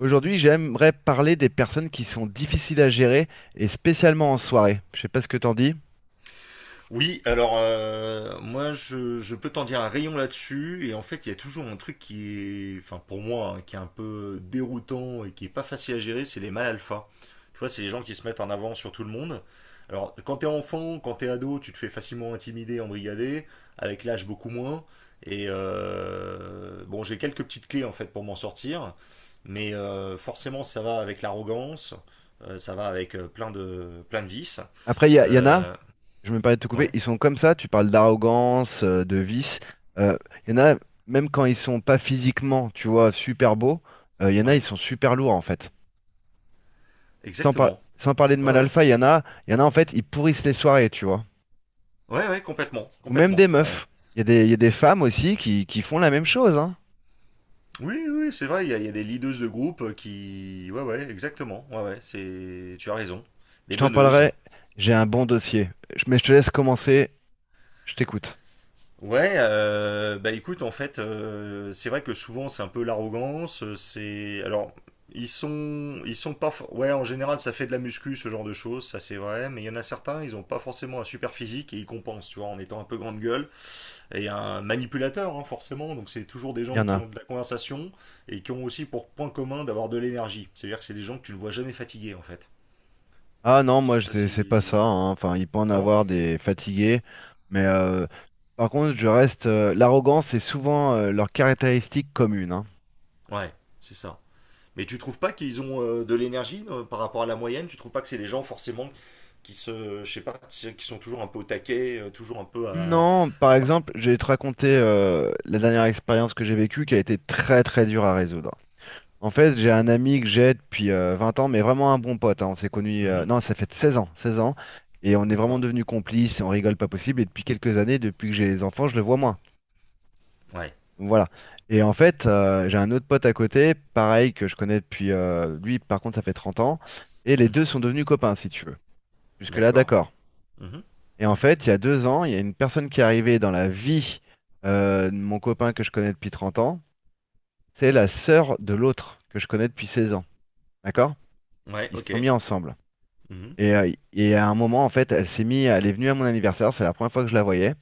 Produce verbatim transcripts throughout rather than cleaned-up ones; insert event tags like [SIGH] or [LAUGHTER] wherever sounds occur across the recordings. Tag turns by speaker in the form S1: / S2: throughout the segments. S1: Aujourd'hui, j'aimerais parler des personnes qui sont difficiles à gérer et spécialement en soirée. Je sais pas ce que t'en dis.
S2: Oui, alors euh, moi je, je peux t'en dire un rayon là-dessus et en fait il y a toujours un truc qui est, enfin pour moi, hein, qui est un peu déroutant et qui est pas facile à gérer, c'est les mâles alpha. Tu vois, c'est les gens qui se mettent en avant sur tout le monde. Alors quand t'es enfant, quand t'es ado, tu te fais facilement intimider, embrigader, avec l'âge beaucoup moins. Et euh, bon, j'ai quelques petites clés en fait pour m'en sortir, mais euh, forcément ça va avec l'arrogance, euh, ça va avec euh, plein de plein de vices.
S1: Après, il y, a- il y en a,
S2: Euh,
S1: je me permets de te couper,
S2: ouais.
S1: ils sont comme ça. Tu parles d'arrogance, euh, de vice. Euh, Il y en a, même quand ils sont pas physiquement, tu vois, super beaux, euh, il y en a, ils
S2: Ouais.
S1: sont super lourds en fait. Sans, par-
S2: Exactement.
S1: sans parler de
S2: Ouais,
S1: mal
S2: ouais.
S1: alpha, il y en a, il y en a en fait, ils pourrissent les soirées, tu vois.
S2: Ouais, ouais, complètement.
S1: Ou même
S2: Complètement.
S1: des
S2: Ouais.
S1: meufs. Il y a des, il y a des femmes aussi qui, qui font la même chose, hein.
S2: Oui, oui, c'est vrai, il y, a il y a des leaders de groupe qui. Ouais, ouais, exactement. Ouais, ouais, c'est. Tu as raison. Des
S1: Je t'en
S2: meneuses.
S1: parlerai. J'ai un bon dossier. Je- Mais je te laisse commencer. Je t'écoute.
S2: Ouais, euh, bah écoute, en fait, euh, c'est vrai que souvent c'est un peu l'arrogance. euh, C'est. Alors, ils sont. Ils sont pas. for- Ouais, en général, ça fait de la muscu, ce genre de choses, ça c'est vrai. Mais il y en a certains, ils ont pas forcément un super physique et ils compensent, tu vois, en étant un peu grande gueule. Et un manipulateur, hein, forcément. Donc, c'est toujours des
S1: Il y
S2: gens
S1: en
S2: qui
S1: a.
S2: ont de la conversation et qui ont aussi pour point commun d'avoir de l'énergie. C'est-à-dire que c'est des gens que tu ne vois jamais fatigués, en fait.
S1: Ah non,
S2: Je sais
S1: moi
S2: pas
S1: c'est c'est pas ça,
S2: si.
S1: hein. Enfin, il peut en
S2: Non.
S1: avoir des fatigués, mais euh, par contre, je reste. Euh, l'arrogance est souvent euh, leur caractéristique commune, hein.
S2: Ouais, c'est ça. Mais tu trouves pas qu'ils ont euh, de l'énergie euh, par rapport à la moyenne. Tu trouves pas que c'est des gens, forcément, qui se. Je sais pas, qui sont toujours un peu au taquet, euh, toujours un peu à.
S1: Non, par exemple, je vais te raconter euh, la dernière expérience que j'ai vécue qui a été très très dure à résoudre. En fait, j'ai un ami que j'ai depuis euh, 20 ans, mais vraiment un bon pote, hein. On s'est connus, euh,
S2: Mhm,
S1: non, ça fait seize ans, seize ans, et on est vraiment
S2: d'accord.
S1: devenus complices, et on rigole pas possible. Et depuis quelques années, depuis que j'ai les enfants, je le vois moins.
S2: Ouais.
S1: Voilà. Et en fait, euh, j'ai un autre pote à côté, pareil, que je connais depuis... euh, lui, par contre, ça fait 30 ans. Et les deux
S2: Mhm,
S1: sont devenus copains, si tu veux. Jusque-là,
S2: d'accord.
S1: d'accord.
S2: Mhm,
S1: Et en fait, il y a deux ans, il y a une personne qui est arrivée dans la vie euh, de mon copain que je connais depuis 30 ans. C'est la sœur de l'autre que je connais depuis 16 ans. D'accord?
S2: ouais,
S1: Ils se
S2: ok.
S1: sont mis ensemble.
S2: Mhm,
S1: Et, euh, et à un moment, en fait, elle s'est mise... elle est venue à mon anniversaire. C'est la première fois que je la voyais.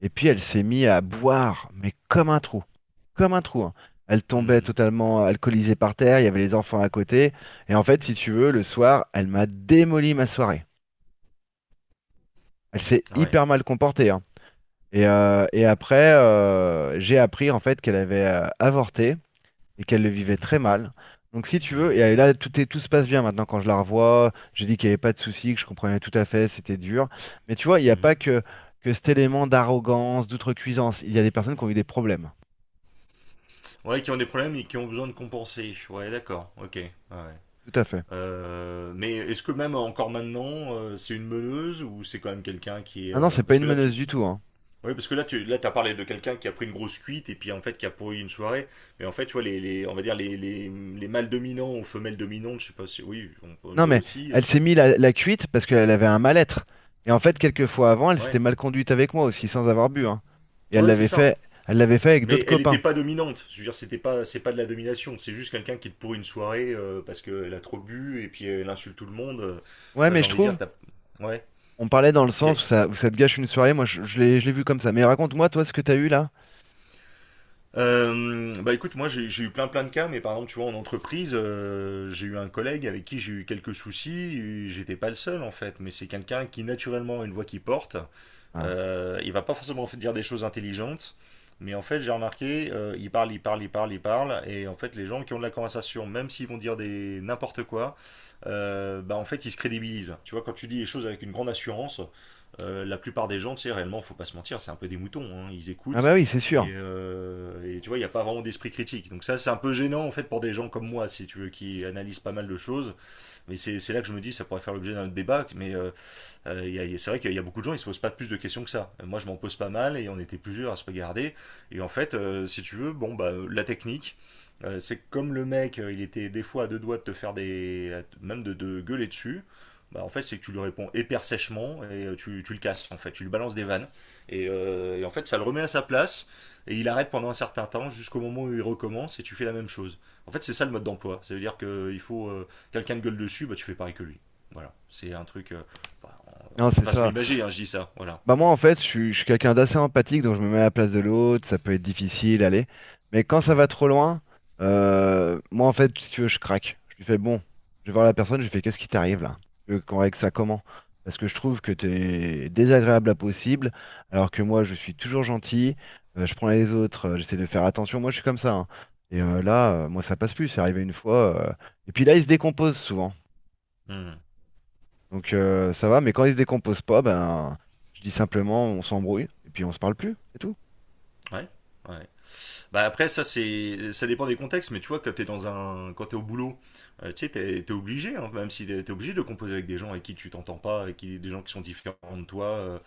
S1: Et puis elle s'est mise à boire, mais comme un trou, comme un trou, hein. Elle tombait
S2: mhm.
S1: totalement alcoolisée par terre, il y avait les enfants à côté. Et en fait, si tu veux, le soir, elle m'a démoli ma soirée. Elle s'est
S2: Ah ouais.
S1: hyper mal comportée, hein. Et, euh, et après, euh, j'ai appris en fait qu'elle avait euh, avorté et qu'elle le vivait
S2: Mhm,
S1: très mal. Donc si tu veux, et euh,
S2: mhm,
S1: là, tout est, tout se passe bien maintenant quand je la revois. J'ai dit qu'il n'y avait pas de souci, que je comprenais tout à fait, c'était dur. Mais tu vois, il n'y a pas
S2: mhm.
S1: que, que cet élément d'arrogance, d'outrecuidance. Il y a des personnes qui ont eu des problèmes.
S2: Ouais, qui ont des problèmes et qui ont besoin de compenser. Ouais, d'accord, ok. Ouais.
S1: Tout à fait.
S2: Euh, mais est-ce que même encore maintenant, euh, c'est une meuleuse ou c'est quand même quelqu'un qui est.
S1: Ah non,
S2: euh,
S1: c'est pas
S2: Parce
S1: une
S2: que là,
S1: meneuse
S2: tu.
S1: du tout, hein.
S2: Oui, parce que là, tu là, t'as parlé de quelqu'un qui a pris une grosse cuite et puis en fait qui a pourri une soirée. Mais en fait, tu vois, les, les- on va dire les, les, les mâles dominants ou femelles dominantes, je sais pas si. Oui, on peut
S1: Non,
S2: dire
S1: mais
S2: aussi.
S1: elle s'est mis la, la cuite parce qu'elle avait un mal-être. Et en fait, quelques fois avant, elle s'était
S2: Ouais,
S1: mal conduite avec moi aussi, sans avoir bu, hein. Et elle
S2: ouais, c'est
S1: l'avait
S2: ça.
S1: fait, elle l'avait fait avec
S2: Mais
S1: d'autres
S2: elle n'était
S1: copains.
S2: pas dominante. Je veux dire, c'était pas, c'est pas de la domination. C'est juste quelqu'un qui est pour une soirée euh, parce qu'elle a trop bu et puis elle insulte tout le monde.
S1: Ouais,
S2: Ça,
S1: mais
S2: j'ai
S1: je
S2: envie de dire,
S1: trouve,
S2: t'as. Ouais.
S1: on parlait dans le
S2: Y a-
S1: sens où ça, où ça te gâche une soirée. Moi, je, je l'ai, je l'ai vu comme ça. Mais raconte-moi, toi, ce que t'as eu là.
S2: Euh, bah écoute, moi j'ai j'ai eu plein plein de cas, mais par exemple, tu vois, en entreprise, euh, j'ai eu un collègue avec qui j'ai eu quelques soucis. Et j'étais pas le seul en fait, mais c'est quelqu'un qui naturellement a une voix qui porte.
S1: Ah.
S2: Euh, il va pas forcément dire des choses intelligentes, mais en fait, j'ai remarqué, euh, il parle, il parle, il parle, il parle, et en fait, les gens qui ont de la conversation, même s'ils vont dire des n'importe quoi, euh, bah en fait, ils se crédibilisent. Tu vois, quand tu dis les choses avec une grande assurance, euh, la plupart des gens, tu sais, réellement, faut pas se mentir, c'est un peu des moutons, hein, ils
S1: Ah
S2: écoutent,
S1: bah oui, c'est sûr.
S2: et, euh, et tu vois, il n'y a pas vraiment d'esprit critique. Donc ça, c'est un peu gênant, en fait, pour des gens comme moi, si tu veux, qui analysent pas mal de choses, mais c'est c'est là que je me dis, ça pourrait faire l'objet d'un débat, mais euh, euh, c'est vrai qu'il y a beaucoup de gens, ils se posent pas plus de questions que ça. Euh, Moi, je m'en pose pas mal et on était plusieurs à se regarder. Et en fait, euh, si tu veux, bon, bah, la technique, euh, c'est comme le mec, euh, il était des fois à deux doigts de te faire des. à- même de, de gueuler dessus. Bah, en fait, c'est que tu lui réponds hyper sèchement et euh, tu, tu le casses, en fait. Tu lui balances des vannes. Et, euh, et en fait, ça le remet à sa place et il arrête pendant un certain temps jusqu'au moment où il recommence et tu fais la même chose. En fait, c'est ça le mode d'emploi. Ça veut dire que il faut. Euh, quelqu'un de gueule dessus, bah, tu fais pareil que lui. Voilà. C'est un truc. Euh, bah,
S1: Non,
S2: bon, de
S1: c'est
S2: façon
S1: ça.
S2: imagée, hein, je dis ça, voilà.
S1: Bah moi en fait je suis, je suis quelqu'un d'assez empathique donc je me mets à la place de l'autre, ça peut être difficile, allez. Mais quand ça
S2: Ouais.
S1: va trop loin, euh, moi en fait si tu veux je craque. Je lui fais bon, je vais voir la personne, je lui fais qu'est-ce qui t'arrive là? Tu veux qu'on règle ça comment? Parce que je trouve que t'es désagréable à possible, alors que moi je suis toujours gentil, euh, je prends les autres, euh, j'essaie de faire attention, moi je suis comme ça, hein. Et euh, là, euh, moi ça passe plus, c'est arrivé une fois. euh, Et puis là il se décompose souvent.
S2: Hmm.
S1: Donc euh, ça va, mais quand il se décompose pas, ben je dis simplement on s'embrouille et puis on se parle plus, c'est tout.
S2: Ouais. Ouais. Bah après, ça c'est ça dépend des contextes, mais tu vois quand t'es dans un quand t'es au boulot. Euh, tu sais t'es t'es obligé, hein, même si t'es t'es obligé de composer avec des gens avec qui tu t'entends pas, avec qui des gens qui sont différents de toi. Euh,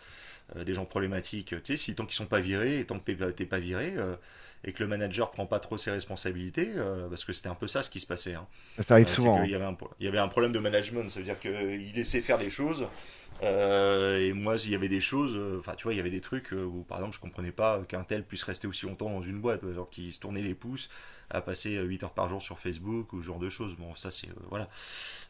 S2: euh, des gens problématiques, tu sais, si tant qu'ils sont pas virés et tant que t'es pas- t'es pas viré. Euh, et que le manager prend pas trop ses responsabilités, euh, parce que c'était un peu ça ce qui se passait, hein.
S1: Mais ça arrive
S2: Euh, c'est
S1: souvent,
S2: qu'il
S1: hein.
S2: y avait un pro- il y avait un problème de management, ça veut dire que il laissait faire les choses. Euh, et moi, il y avait des choses, euh, enfin, tu vois, il y avait des trucs, euh, où, par exemple, je comprenais pas qu'un tel puisse rester aussi longtemps dans une boîte, alors qu'il se tournait les pouces à passer euh, huit heures par jour sur Facebook ou ce genre de choses. Bon, ça, c'est. Euh, voilà.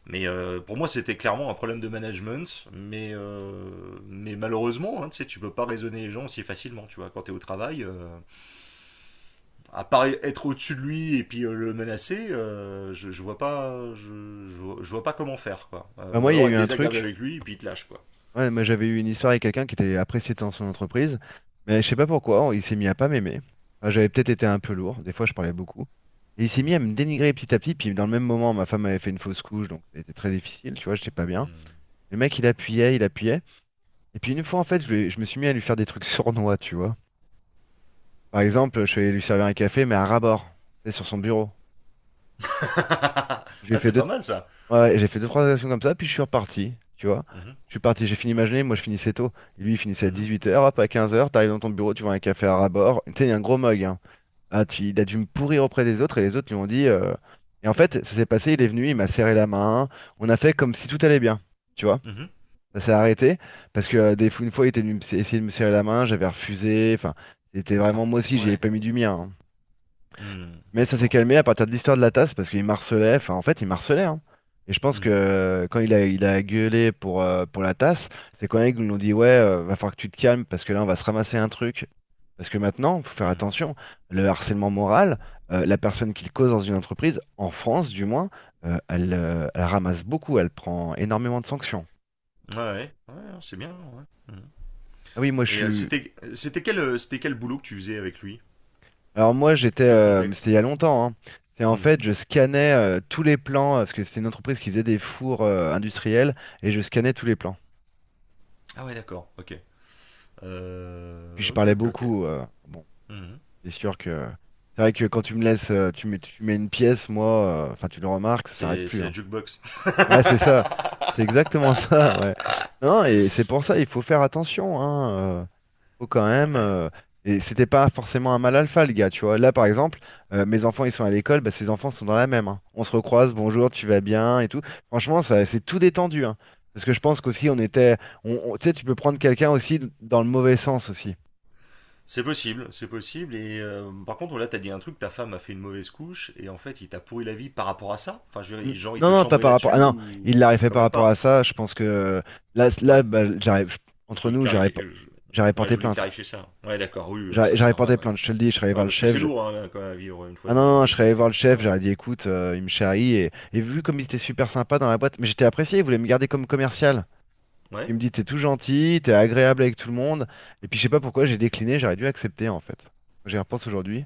S2: Mais euh, pour moi, c'était clairement un problème de management, mais, euh, mais malheureusement, hein, tu sais, tu peux pas raisonner les gens si facilement, tu vois, quand t'es au travail. Euh, à part être au-dessus de lui et puis euh, le menacer, euh, je, je vois pas, je, je vois- je vois pas comment faire, quoi. Euh,
S1: Ben
S2: ou
S1: moi il y a
S2: alors
S1: eu
S2: être
S1: un
S2: désagréable
S1: truc.
S2: avec lui et puis il te lâche, quoi.
S1: Ouais, moi j'avais eu une histoire avec quelqu'un qui était apprécié dans son entreprise, mais je sais pas pourquoi, il s'est mis à pas m'aimer. Enfin, j'avais peut-être été un peu lourd, des fois je parlais beaucoup. Et il s'est mis
S2: Mhm.
S1: à me dénigrer petit à petit, puis dans le même moment, ma femme avait fait une fausse couche, donc c'était très difficile, tu vois, j'étais pas bien.
S2: Mm.
S1: Le mec, il appuyait, il appuyait. Et puis une fois, en fait, je, lui- je me suis mis à lui faire des trucs [LAUGHS] sournois, tu vois. Par
S2: Ouais.
S1: exemple, je suis allé lui servir un café, mais à ras-bord, tu sais, sur son bureau.
S2: [LAUGHS]
S1: J'ai
S2: Ah,
S1: fait
S2: c'est
S1: deux,
S2: pas mal ça.
S1: ouais, j'ai fait deux, trois actions comme ça, puis je suis reparti, tu vois.
S2: Mhm,
S1: Je suis parti, j'ai fini ma journée, moi je finissais tôt. Lui, il finissait à
S2: mhm,
S1: dix-huit heures, hop, à quinze heures, t'arrives dans ton bureau, tu vois un café à rabord. Tu sais, il y a un gros mug, hein. Ah, tu- il a dû me pourrir auprès des autres, et les autres lui ont dit... euh, Et en fait, ça s'est passé, il est venu, il m'a serré la main, on a fait comme si tout allait bien, tu vois.
S2: mhm.
S1: Ça s'est arrêté, parce que euh, des fois, une fois, il était venu me- essayer de me serrer la main, j'avais refusé, enfin, c'était
S2: Ah
S1: vraiment, moi aussi, j'y ai
S2: ouais.
S1: pas mis du mien, hein.
S2: Hmm,
S1: Mais ça s'est
S2: d'accord.
S1: calmé à partir de l'histoire de la tasse parce qu'il marcelait, enfin en fait il marcelait, hein. Et je pense que
S2: Mhm,
S1: euh, quand il a, il a gueulé pour, euh, pour la tasse, c'est quand ils nous ont dit ouais, euh, va falloir que tu te calmes parce que là on va se ramasser un truc. Parce que maintenant, faut faire
S2: mhm.
S1: attention, le harcèlement moral, euh, la personne qui le cause dans une entreprise, en France du moins, euh, elle, euh, elle ramasse beaucoup, elle prend énormément de sanctions.
S2: Ouais, ouais, ouais, c'est bien. Ouais. Mhm.
S1: Ah oui, moi je
S2: Et euh,
S1: suis.
S2: c'était c'était quel euh, c'était quel boulot que tu faisais avec lui?
S1: Alors moi j'étais,
S2: Quel
S1: euh, mais
S2: contexte?
S1: c'était il y a longtemps, hein. C'est en
S2: Mhm.
S1: fait je scannais euh, tous les plans, euh, parce que c'était une entreprise qui faisait des fours euh, industriels, et je scannais tous les plans.
S2: Ah ouais, d'accord. Ok.
S1: Et puis je
S2: Euh, ok,
S1: parlais
S2: ok, ok.
S1: beaucoup. Euh, bon,
S2: Mhm.
S1: c'est sûr que c'est vrai que quand tu me laisses, euh, tu mets, tu mets une pièce, moi, euh, enfin tu le remarques, ça s'arrête
S2: C'est c'est
S1: plus,
S2: la
S1: hein.
S2: jukebox.
S1: Ouais c'est ça, c'est exactement [LAUGHS] ça, ouais. Non, et c'est pour ça il faut faire attention, hein. Euh, faut quand même.
S2: Ouais.
S1: Euh, et c'était pas forcément un mal alpha, le gars, tu vois. Là, par exemple, euh, mes enfants, ils sont à l'école, bah, ses enfants sont dans la même, hein. On se recroise, bonjour, tu vas bien et tout. Franchement, ça, c'est tout détendu, hein. Parce que je pense qu'aussi, on était. On, on- tu sais, tu peux prendre quelqu'un aussi d- dans le mauvais sens aussi.
S2: C'est possible, c'est possible. Et euh, par contre, là, t'as dit un truc, ta femme a fait une mauvaise couche, et en fait, il t'a pourri la vie par rapport à ça? Enfin, je veux
S1: Mm.
S2: dire, genre, il
S1: Non,
S2: te
S1: non, pas
S2: chambrait
S1: par rapport. Ah
S2: là-dessus
S1: non,
S2: ou
S1: il l'aurait fait
S2: quand
S1: par
S2: même
S1: rapport à
S2: pas?
S1: ça. Je pense que là, là
S2: Ouais.
S1: bah, j'aurais- entre
S2: Je,
S1: nous, j'aurais
S2: clarifie-
S1: p- j'aurais
S2: je- ouais, je
S1: porté
S2: voulais
S1: plainte.
S2: clarifier ça. Ouais, d'accord, oui, euh,
S1: J'aurais
S2: ça c'est
S1: j'aurais
S2: normal,
S1: porté
S2: ouais.
S1: plainte, je te le dis, je serais allé
S2: Ouais,
S1: voir le
S2: parce que
S1: chef.
S2: c'est lourd, hein, quand même à vivre une fois
S1: Ah non,
S2: dans une
S1: non, je
S2: vie,
S1: serais allé
S2: donc euh,
S1: voir le chef,
S2: ouais.
S1: j'aurais dit écoute, euh, il me charrie et, et vu comme il était super sympa dans la boîte, mais j'étais apprécié, il voulait me garder comme commercial.
S2: Ouais,
S1: Il me dit t'es tout gentil, t'es agréable avec tout le monde. Et puis je sais pas pourquoi j'ai décliné, j'aurais dû accepter en fait. J'y repense aujourd'hui.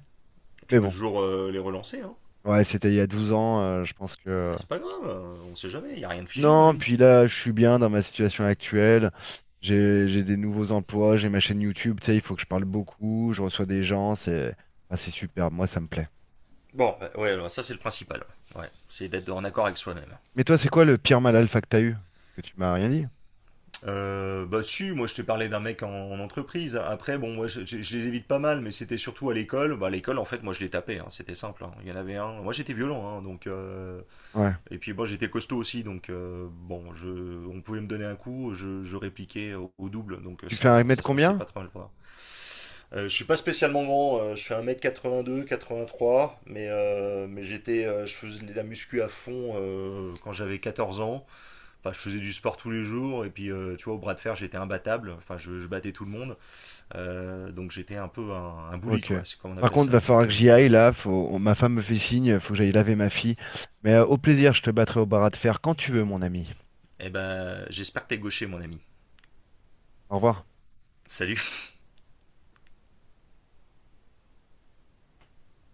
S2: tu
S1: Mais
S2: peux
S1: bon,
S2: toujours euh, les relancer, hein.
S1: ouais, c'était il y a douze ans, euh, je pense
S2: Ah,
S1: que.
S2: c'est pas grave, euh, on sait jamais, y a rien de figé dans la
S1: Non,
S2: vie.
S1: puis là, je suis bien dans ma situation actuelle. J'ai j'ai des nouveaux emplois, j'ai ma chaîne YouTube, tu sais, il faut que je parle beaucoup, je reçois des gens, c'est ah, c'est superbe, moi ça me plaît.
S2: Bon, bah, ouais, alors, ça c'est le principal. Ouais, c'est d'être en accord avec soi-même.
S1: Mais toi, c'est quoi le pire mal alpha que t'as eu? Que tu m'as rien dit?
S2: Euh, bah si, moi je t'ai parlé d'un mec en, en entreprise. Après, bon, moi je, je- je les évite pas mal, mais c'était surtout à l'école. Bah à l'école, en fait, moi je les tapais, hein, c'était simple. Hein. Il y en avait un. Moi j'étais violent, hein, donc. Euh,
S1: Ouais.
S2: Et puis bon, j'étais costaud aussi, donc euh, bon, je, on pouvait me donner un coup, je, je répliquais au, au double, donc euh,
S1: Tu fais
S2: ça,
S1: un
S2: ça
S1: mètre
S2: se passait
S1: combien?
S2: pas trop mal. Quoi. Euh, je suis pas spécialement grand, euh, je fais un mètre quatre-vingt-deux, quatre-vingt-trois, mais, euh, mais j'étais, euh, je faisais de la muscu à fond, euh, quand j'avais quatorze ans. Enfin, je faisais du sport tous les jours, et puis euh, tu vois, au bras de fer, j'étais imbattable, enfin, je, je battais tout le monde. Euh, donc j'étais un peu un, un bully,
S1: Ok.
S2: quoi, c'est comme on
S1: Par
S2: appelle
S1: contre, va
S2: ça.
S1: falloir
S2: Donc
S1: que
S2: euh,
S1: j'y aille
S2: voilà.
S1: là. Faut... on- Ma femme me fait signe, faut que j'aille laver ma fille. Mais euh, au plaisir, je te battrai au barat de fer quand tu veux, mon ami.
S2: Eh ben, j'espère que t'es gaucher, mon ami.
S1: Au revoir.
S2: Salut!